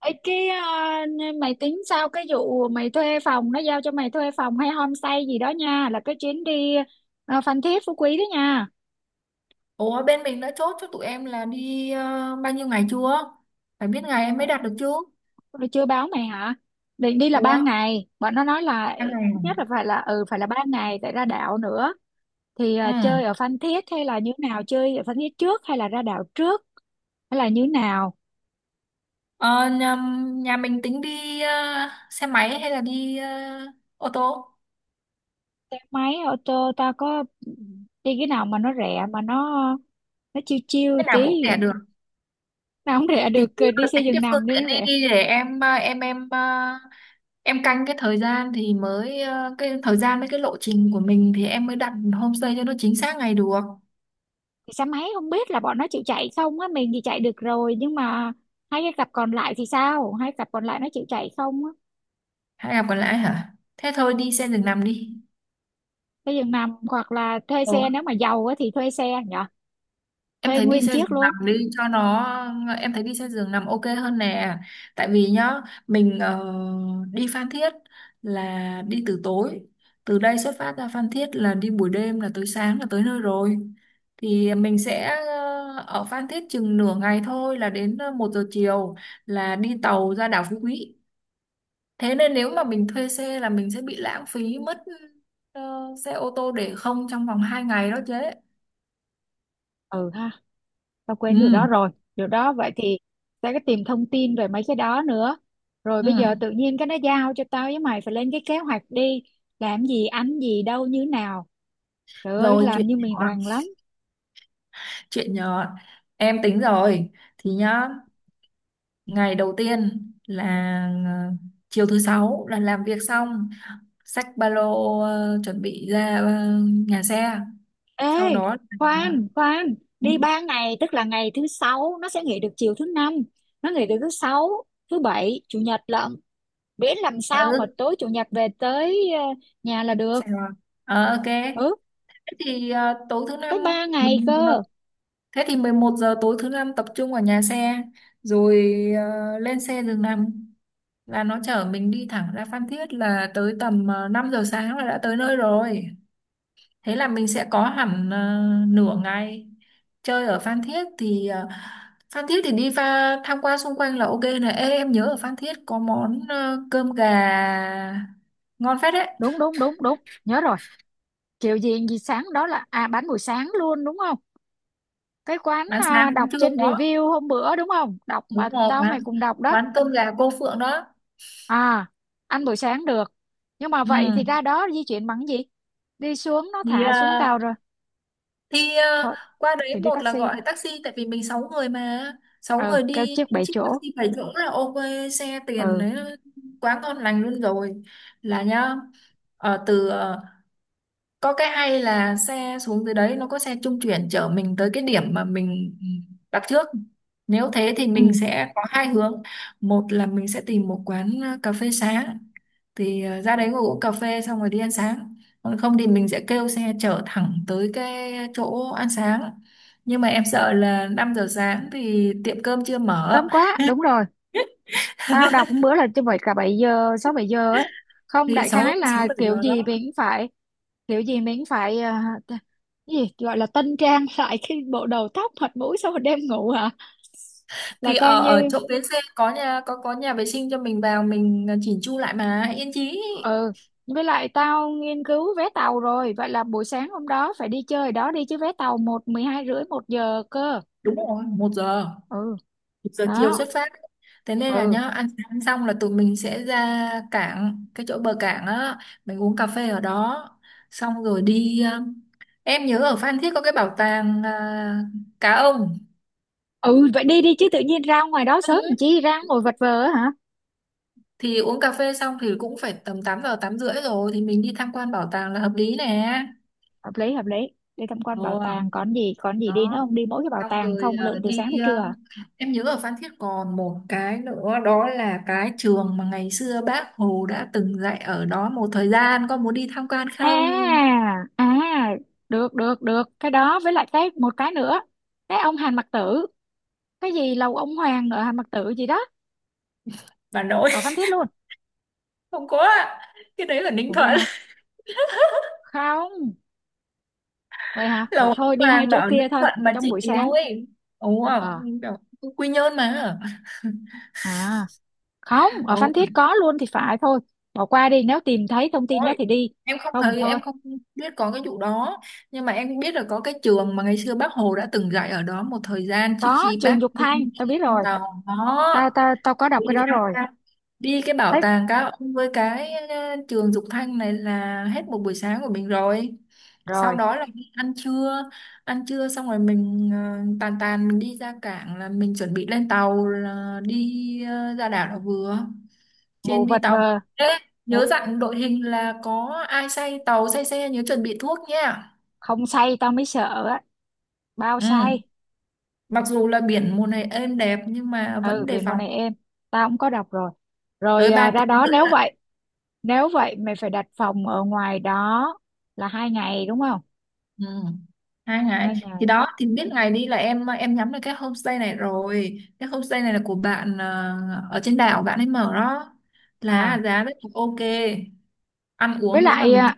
Ê, cái mày tính sao cái vụ mày thuê phòng nó giao cho mày thuê phòng hay homestay gì đó nha là cái chuyến đi Phan Thiết Phú Quý đó nha. Ủa bên mình đã chốt cho tụi em là đi bao nhiêu ngày chưa? Phải biết ngày em mới đặt được chứ. Rồi chưa báo mày hả? Định đi là ba Ủa? ngày. Bọn nó nói là Ba ít ngày nhất là phải là ba ngày tại ra đảo nữa. Thì à? Ừ. chơi ở Phan Thiết hay là như nào? Chơi ở Phan Thiết trước hay là ra đảo trước hay là như nào? Ờ, nhà, nhà mình tính đi xe máy hay là đi ô tô? Xe máy ô tô ta có đi cái nào mà nó rẻ mà nó chiêu chiêu Cái nào tí. cũng rẻ được. Mà không rẻ Thì được chỉ đi có xe tính giường cái phương nằm đi tiện nó đi rẻ. đi để em canh cái thời gian thì mới cái thời gian với cái lộ trình của mình thì em mới đặt homestay cho nó chính xác ngày được. Thì xe máy không biết là bọn nó chịu chạy không á, mình thì chạy được rồi nhưng mà hai cái cặp còn lại thì sao, hai cặp còn lại nó chịu chạy không á. Hay là còn lại hả? Thế thôi đi xe giường nằm đi. Xe giường nằm hoặc là thuê xe, Ừ. nếu mà giàu á thì thuê xe nhở, Em thuê thấy đi nguyên xe chiếc giường luôn. nằm đi cho nó em thấy đi xe giường nằm ok hơn nè. Tại vì nhá, mình đi Phan Thiết là đi từ tối. Từ đây xuất phát ra Phan Thiết là đi buổi đêm là tới sáng là tới nơi rồi. Thì mình sẽ ở Phan Thiết chừng nửa ngày thôi là đến 1 giờ chiều là đi tàu ra đảo Phú Quý. Thế nên nếu mà mình thuê xe là mình sẽ bị lãng phí mất ờ, xe ô tô để không trong vòng 2 ngày đó chứ. Ừ ha, tao quên điều đó Ừ. rồi. Điều đó vậy thì sẽ có tìm thông tin về mấy cái đó nữa. Rồi Ừ. bây giờ tự nhiên cái nó giao cho tao với mày phải lên cái kế hoạch đi làm gì ăn gì đâu như nào, trời ơi Rồi chuyện làm như mình nhỏ. rành lắm. Chuyện nhỏ em tính rồi thì nhá, ngày đầu tiên là ờ, chiều thứ sáu là làm việc xong, xách ba lô chuẩn bị ra nhà xe, Ê, sau đó là khoan, khoan, ừ, đi ba ngày, tức là ngày thứ sáu nó sẽ nghỉ được chiều thứ năm, nó nghỉ được thứ sáu, thứ bảy, chủ nhật lận. Biết làm ờ, sao mà ừ, tối chủ nhật về tới nhà là được. xe rồi. Ok, Ừ, thế thì ờ, tối thứ năm tới ba ngày mình cơ. thế thì 11 giờ tối thứ năm tập trung ở nhà xe rồi lên xe giường nằm là nó chở mình đi thẳng ra Phan Thiết là tới tầm 5 giờ sáng là đã tới nơi rồi. Thế là mình sẽ có hẳn nửa ngày chơi ở Phan Thiết thì Phan Thiết thì đi tham quan xung quanh là ok này. Ê, em nhớ ở Phan Thiết có món cơm gà ngon phết đấy. Đúng, đúng, đúng, đúng. Nhớ rồi. Kiểu gì gì sáng đó là à bán buổi sáng luôn đúng không? Cái quán Bán sáng à, bán đọc trưa trên có. review hôm bữa đúng không? Đọc mà Đúng rồi, tao mày quán cùng đọc đó. quán cơm gà cô Phượng đó. À, ăn buổi sáng được. Nhưng mà Ừ. vậy thì ra đó di chuyển bằng cái gì? Đi xuống nó Thì thả xuống tàu ờ, rồi. thì ờ, Thôi, qua đấy, thì đi một là taxi gọi thôi, taxi, tại vì mình 6 người mà, sáu ừ người kêu đi chiếc bảy chiếc chỗ. taxi phải chỗ là ok, xe tiền Ừ đấy, quá ngon lành luôn rồi, là nhá, ờ, từ ờ, có cái hay là xe xuống dưới đấy nó có xe trung chuyển chở mình tới cái điểm mà mình đặt trước. Nếu thế thì ừ, mình sẽ có hai hướng, một là mình sẽ tìm một quán cà phê sáng thì ra đấy ngồi uống cà phê xong rồi đi ăn sáng, còn không thì mình sẽ kêu xe chở thẳng tới cái chỗ ăn sáng. Nhưng mà em sợ là 5 giờ sáng thì tiệm cơm chưa mở. sớm quá đúng rồi. Tao đọc một bữa là chứ phải cả 7 giờ 6 7 giờ ấy, không Thì đại sáu khái sáu là bảy kiểu giờ gì đó mình cũng phải, kiểu gì mình cũng phải cái gì gọi là tân trang lại cái bộ đầu tóc mặt mũi sau một đêm ngủ hả, là thì coi ở ở như. chỗ bến xe có nhà vệ sinh cho mình vào mình chỉnh chu lại mà yên chí. Ừ, với lại tao nghiên cứu vé tàu rồi, vậy là buổi sáng hôm đó phải đi chơi đó đi chứ, vé tàu một mười hai rưỡi một giờ cơ. Đúng rồi, một giờ, Ừ, một giờ chiều xuất đó. phát. Thế nên là Ừ nhá, ăn sáng xong là tụi mình sẽ ra cảng, cái chỗ bờ cảng á, mình uống cà phê ở đó xong rồi đi. Ờ, em nhớ ở Phan Thiết có cái bảo tàng cá ông. ừ, vậy đi đi chứ tự nhiên ra ngoài đó Ừ. sớm làm chi ra ngồi vật vờ á hả. Thì uống cà phê xong thì cũng phải tầm 8 giờ 8 rưỡi rồi, thì mình đi tham quan bảo tàng là hợp lý nè. Hợp lý hợp lý, đi tham quan bảo Ồ, tàng còn gì, còn gì đi nữa đó không, đi mỗi cái bảo xong tàng rồi không lượn từ đi. sáng tới trưa à? Em nhớ ở Phan Thiết còn một cái nữa, đó là cái trường mà ngày xưa bác Hồ đã từng dạy ở đó một thời gian, con muốn đi tham quan À không? à, được được được cái đó, với lại cái một cái nữa, cái ông Hàn Mặc Tử, cái gì lầu ông Hoàng ở Hàn Mặc Tử gì đó, Bà nội. ở Phan Thiết luôn. Không có ạ. Cái đấy ở Ninh Ủa vậy Thuận. hả, không, vậy hả, vậy Lầu thôi đi hai hoàng là chỗ ở kia Ninh thôi, Thuận mà trong chị buổi sáng. ngồi ấy. Ồ à, ờ kiểu Quy Nhơn mà. à, không, ở Ồ Phan Thiết có luôn thì phải thôi, bỏ qua đi nếu tìm thấy thông tin đó rồi, thì đi, em không không thấy, thôi. em không biết có cái vụ đó, nhưng mà em biết là có cái trường mà ngày xưa bác Hồ đã từng dạy ở đó một thời gian trước Có khi Trường bác Dục đi Thanh tao biết rồi, tàu tao đó. tao tao có đọc Đi cái đó tham rồi. quan đi cái bảo Thích. tàng cá ông với cái trường Dục Thanh này là hết một buổi sáng của mình rồi. Sau Rồi, đó là đi ăn trưa. Ăn trưa xong rồi mình tàn tàn mình đi ra cảng là mình chuẩn bị lên tàu là đi ra đảo là vừa. ngủ Trên đi vật tàu. vờ. Ê, Ngủ nhớ dặn đội hình là có ai say tàu say xe nhớ chuẩn bị thuốc nha. không say tao mới sợ á, bao say. Ừ. Mặc dù là biển mùa này êm đẹp nhưng mà Ừ, vẫn đề biển mùa phòng. này em, tao cũng có đọc rồi. Rồi Tới 3 ra tiếng đó rưỡi nếu ạ. vậy, nếu vậy mày phải đặt phòng ở ngoài đó là hai ngày đúng không, Ừ. 2 ngày. hai Thì ngày. đó, thì biết ngày đi là em nhắm được cái homestay này rồi, cái homestay này là của bạn ở trên đảo bạn ấy mở đó, là À, giá rất là ok, ăn với uống nếu mà lại mình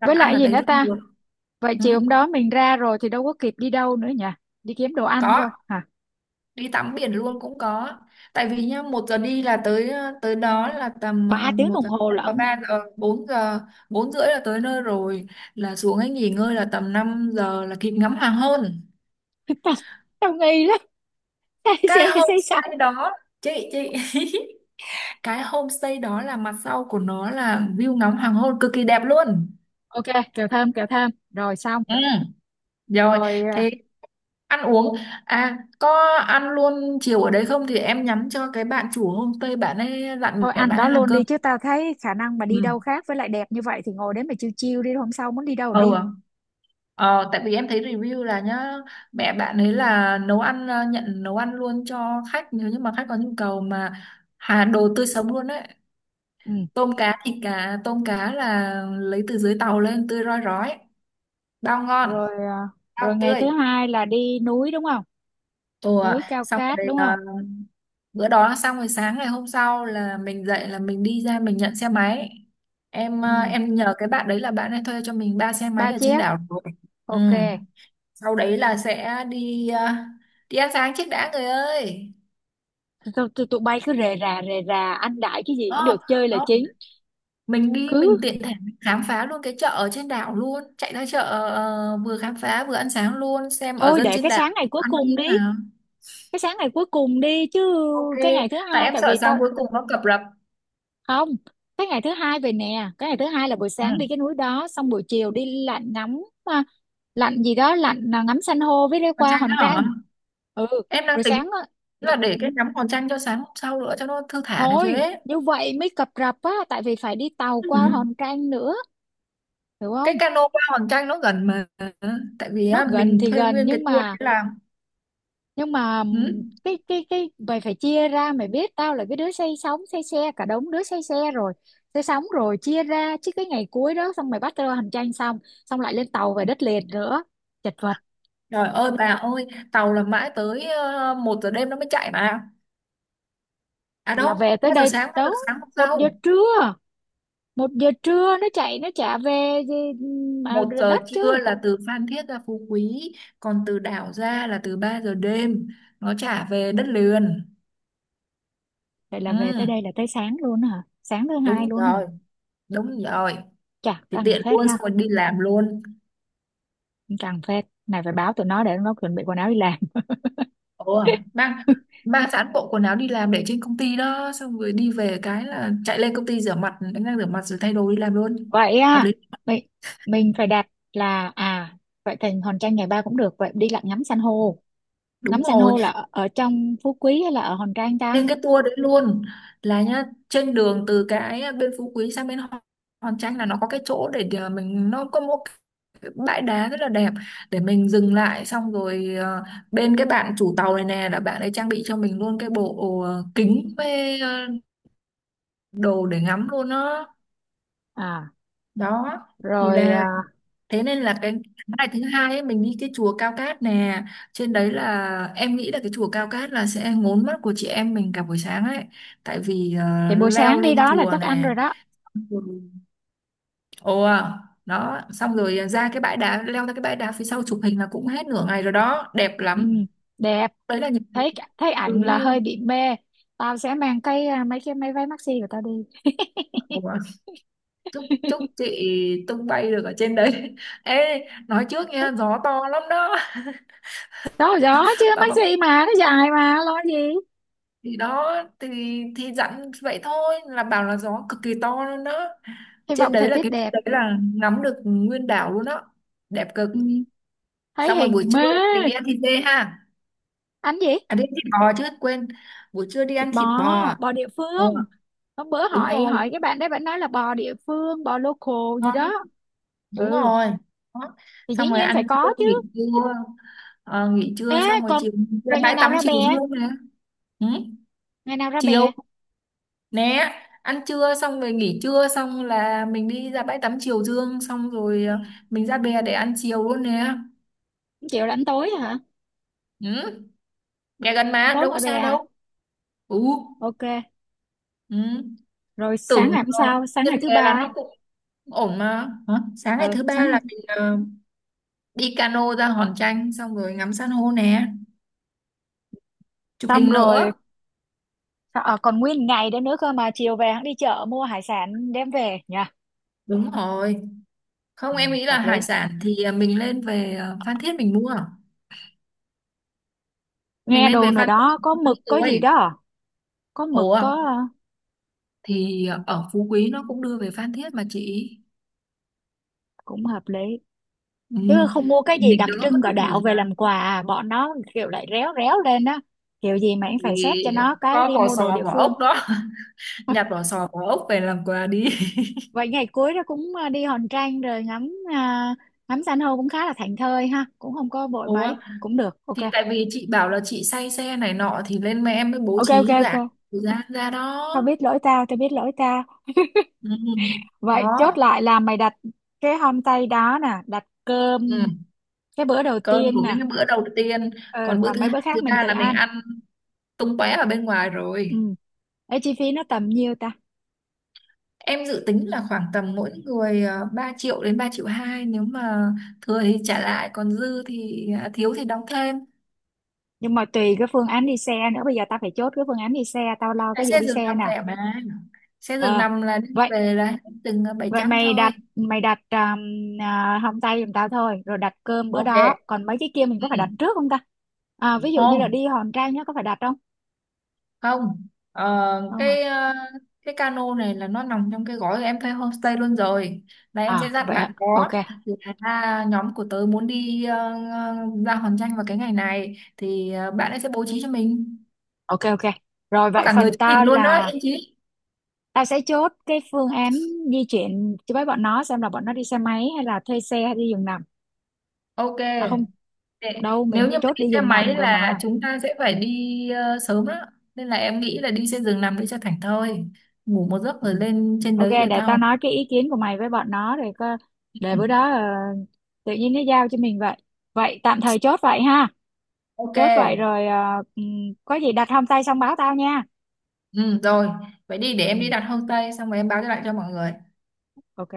đặt với ăn lại ở gì đấy nữa luôn ta. được. Vậy Ừ. chiều hôm đó mình ra rồi thì đâu có kịp đi đâu nữa nhỉ, đi kiếm đồ ăn thôi Có, hả? đi tắm biển luôn cũng có. Tại vì nhá, một giờ đi là tới tới đó là tầm Ba tiếng một đồng giờ hồ và lận. ba giờ bốn giờ, bốn rưỡi là tới nơi rồi, là xuống ấy nghỉ ngơi là tầm 5 giờ là kịp ngắm hoàng hôn. tao tao nghi lắm. Cái Say xe say sóng. homestay đó, chị cái homestay đó là mặt sau của nó là view ngắm hoàng hôn cực kỳ đẹp luôn. Ok, kẹo thơm rồi xong. Ừ rồi, Rồi thế, ăn uống, à có, ăn luôn chiều ở đấy không thì em nhắn cho cái bạn chủ homestay bạn ấy dặn thôi mẹ ăn bạn đó ấy làm luôn cơm. đi chứ, tao thấy khả năng mà đi đâu Ừ. khác, với lại đẹp như vậy thì ngồi đấy mà chiêu chiêu đi, hôm sau muốn đi đâu Ừ. thì đi. ờ, Tại vì em thấy review là nhá, mẹ bạn ấy là nấu ăn, nhận nấu ăn luôn cho khách nếu như mà khách có nhu cầu mà, hà, đồ tươi sống luôn đấy, Ừ. tôm cá thịt, cá tôm cá là lấy từ dưới tàu lên tươi rói rói, bao ngon, Rồi rồi bao ngày thứ tươi. hai là đi núi đúng không, Ồ, núi cao xong cát rồi đúng không? à, bữa đó xong rồi sáng ngày hôm sau là mình dậy là mình đi ra mình nhận xe máy. Em à, Ừ, em nhờ cái bạn đấy là bạn ấy thuê cho mình ba xe ba máy ở trên chiếc, đảo rồi. ok. Ừ. Sau đấy là sẽ đi đi ăn sáng trước đã người ơi. Tụi bay cứ rề rà ăn đại cái gì cũng Đó, được, chơi là đó. chính. Mình đi Cứ mình tiện thể mình khám phá luôn cái chợ ở trên đảo luôn, chạy ra chợ vừa khám phá vừa ăn sáng luôn, xem ở thôi dân để trên cái đảo sáng ngày cuối ăn như cùng thế đi, nào. cái sáng ngày cuối cùng đi chứ, Ok, cái ngày thứ tại hai em tại sợ vì tao sáng cuối cùng nó cập rập. không, cái ngày thứ hai về nè, cái ngày thứ hai là buổi Ừ. sáng đi cái núi đó, xong buổi chiều đi lặn ngắm lặn gì đó, lặn ngắm san hô với đi Còn qua Tranh đó Hòn Tranh. hả? Ừ. Em đang Rồi tính sáng á, là để ừ, cái ngắm hòn tranh cho sáng hôm sau nữa cho nó thư thả này chứ thôi ấy. như vậy mới cập rập á tại vì phải đi tàu qua Ừ. Hòn Tranh nữa, hiểu Cái không. cano qua hòn tranh nó gần mà. Ừ. Tại vì Nó á, gần mình thì thuê gần nguyên cái nhưng tour mà, để làm. nhưng mà Ừ. cái mày phải chia ra, mày biết tao là cái đứa say sóng say xe, cả đống đứa say xe rồi, say sóng rồi, chia ra chứ cái ngày cuối đó xong mày bắt tao hành trang xong, xong lại lên tàu về đất liền nữa, chật vật. Trời ơi bà ơi, tàu là mãi tới 1 giờ đêm nó mới chạy mà, à Là đâu về tới ba giờ đây sáng ba giờ đó, sáng hôm một giờ sau. trưa, một giờ trưa nó chạy nó chả về gì mà một giờ đất chứ. trưa là từ Phan Thiết ra Phú Quý, còn từ đảo ra là từ 3 giờ đêm nó trả về đất liền. Vậy là Ừ. về tới đây là tới sáng luôn hả, sáng thứ hai Đúng luôn hả, rồi, đúng rồi, chà thì căng tiện phết luôn ha. xong rồi đi làm luôn. Căng phết này, phải báo tụi nó để nó chuẩn bị quần áo đi làm. Ồ, mang mang sẵn bộ quần áo đi làm để trên công ty đó, xong rồi đi về cái là chạy lên công ty rửa mặt đánh răng, rửa mặt rồi thay đồ đi làm luôn. Vậy Hợp à, lý. mình mình phải đặt, là à, vậy thì Hòn Tranh ngày ba cũng được, vậy đi lặn ngắm san hô. Đúng Ngắm san rồi, hô là ở, ở trong Phú Quý hay là ở Hòn Tranh ta? lên cái tour đấy luôn. Là nhá, trên đường từ cái bên Phú Quý sang bên Hòn Hòn Tranh là nó có cái chỗ để mình, nó có một cái bãi đá rất là đẹp để mình dừng lại xong rồi bên cái bạn chủ tàu này nè là bạn ấy trang bị cho mình luôn cái bộ kính với đồ để ngắm luôn đó. À, Đó, thì rồi là, thế nên là cái ngày thứ 2 ấy mình đi cái chùa Cao Cát nè, trên đấy là em nghĩ là cái chùa Cao Cát là sẽ ngốn mắt của chị em mình cả buổi sáng ấy, tại vì thì buổi leo sáng đi lên đó là chùa chắc ăn nè. rồi đó. Ừ. Ồ à, đó xong rồi ra cái bãi đá, leo ra cái bãi đá phía sau chụp hình là cũng hết nửa ngày rồi đó, đẹp Ừ, lắm. đẹp. Đấy là những Thấy thấy ảnh là review. hơi bị mê, tao sẽ mang cái mấy cái mấy váy maxi của tao đi. Ồ, chúc chúc chị tung bay được ở trên đấy. Ê, nói trước nha, gió to lắm đó. Đó gió chứ Bà, maxi mà nó dài mà lo gì. thì đó, thì thì dặn vậy thôi là bảo là gió cực kỳ to luôn đó, Hy trên vọng thời đấy là tiết cái đẹp. đấy là ngắm được nguyên đảo luôn đó, đẹp cực. Ừ, thấy Xong rồi buổi hình trưa mê. mình đi ăn thịt dê ha. Anh gì, À, đi ăn thịt bò chứ quên. Buổi trưa đi thịt ăn bò, thịt bò à? bò địa Ừ. phương. Hôm bữa Đúng hỏi, rồi, hỏi cái bạn đấy, bạn nói là bò địa phương bò local gì ngon lắm. đó. Đúng Ừ, rồi đó. thì dĩ Xong rồi nhiên phải ăn trưa có nghỉ chứ. trưa. Ờ, nghỉ Ê trưa xong rồi còn, chiều ra vậy ngày bãi nào tắm ra bè, chiều dương này. Ừ. ngày nào ra Chiều, bè? nè, ăn trưa xong rồi nghỉ trưa xong là mình đi ra bãi tắm Triều Dương xong rồi Ừ. Mình ra bè để ăn chiều luôn nè. Không là ăn tối hả? Ăn Ừ, bè gần mà, tối đâu có ngoài bè xa hả? đâu. Ừ, Ok. ừ. Rồi sáng Tưởng ngày hôm sau, sáng trên ngày thứ bè là ba. nó cũng ổn mà. Hả? Sáng ngày Ừ thứ ba sáng ngày là thứ... mình đi cano ra Hòn Tranh xong rồi ngắm san hô nè, chụp xong hình rồi nữa. Còn nguyên ngày đấy nữa cơ mà, chiều về hắn đi chợ mua hải sản đem về nha. Đúng rồi. Không, Ừ, em nghĩ là hợp hải lý. sản thì mình lên về Phan Thiết mình mua. Mình Nghe lên về đồn nào Phan Thiết đó mình có mua cái mực có gì đó túi. à? Có mực Ủa? có Thì ở Phú Quý nó cũng đưa về Phan Thiết mà chị. cũng hợp lý Ừ. chứ không mua cái gì Mình đặc đỡ mất trưng thất của thời đạo về gian, làm quà à, bọn nó kiểu lại réo réo lên á, kiểu gì mà anh phải xét vì cho nó cái có đi vỏ mua đồ sò địa vỏ phương. ốc đó. Nhặt vỏ sò vỏ ốc về làm quà đi. Vậy ngày cuối đó cũng đi Hòn Trang rồi ngắm ngắm san hô cũng khá là thảnh thơi ha, cũng không có vội mấy Ủa, cũng được, ok. thì tại vì chị bảo là chị say xe này nọ thì lên mẹ em mới bố Ok ok trí ok, giãn thời gian ra đó. tao biết lỗi tao tao biết lỗi tao. Ừ. Vậy chốt Đó. lại là mày đặt cái homestay đó nè, đặt cơm Ừ. cái bữa đầu Cơm tiên của nè, những cái bữa đầu tiên, ờ còn bữa còn thứ mấy hai bữa thứ khác mình ba tự là mình ăn. ăn tung tóe ở bên ngoài Ừ. rồi. Ê, chi phí nó tầm nhiêu ta? Em dự tính là khoảng tầm mỗi người 3 triệu đến 3,2 triệu, nếu mà thừa thì trả lại, còn dư thì à, thiếu thì đóng thêm. Nhưng mà tùy cái phương án đi xe nữa, bây giờ tao phải chốt cái phương án đi xe, tao lo Tại cái vụ xe đi giường xe nằm nè. rẻ mà. Xe giường Ờ nằm là đi vậy, về là hết từng bảy vậy trăm mày thôi. đặt mày đặt hông tây giùm tao thôi, rồi đặt cơm bữa đó, Ok. còn mấy cái kia mình Ừ. có phải đặt trước không ta, ví dụ như là Không, đi Hòn Tre nhá có phải đặt không? không. Ờ, Không hả, cái cái cano này là nó nằm trong cái gói em thuê homestay luôn rồi. Là em sẽ à dặn vậy ạ. bạn Ok đó là nhóm của tớ muốn đi ờ, ra Hòn Tranh vào cái ngày này thì bạn ấy sẽ bố trí cho mình. ok ok. Rồi Có vậy cả người phần chụp hình tao luôn đó, là Yên Chí. tao sẽ chốt cái phương án di chuyển cho, với bọn nó xem là bọn nó đi xe máy hay là thuê xe hay đi giường nằm. Ok. À không, Để- đâu mình nếu như mà chốt đi đi xe giường nằm máy rồi là mà. chúng ta sẽ phải đi sớm đó, nên là em nghĩ là đi xe giường nằm đi cho thảnh thơi, ngủ một giấc Ừ. rồi lên trên Ok, đấy rồi để tao tao. nói cái ý kiến của mày với bọn nó rồi có, để Ừ. bữa đó tự nhiên nó giao cho mình vậy. Vậy tạm thời chốt vậy ha. Ok. Chốt vậy rồi có gì đặt hôm tay xong báo tao nha. Ừ, rồi vậy đi, để Ừ, em đi đặt homestay xong rồi em báo lại cho mọi người. ok.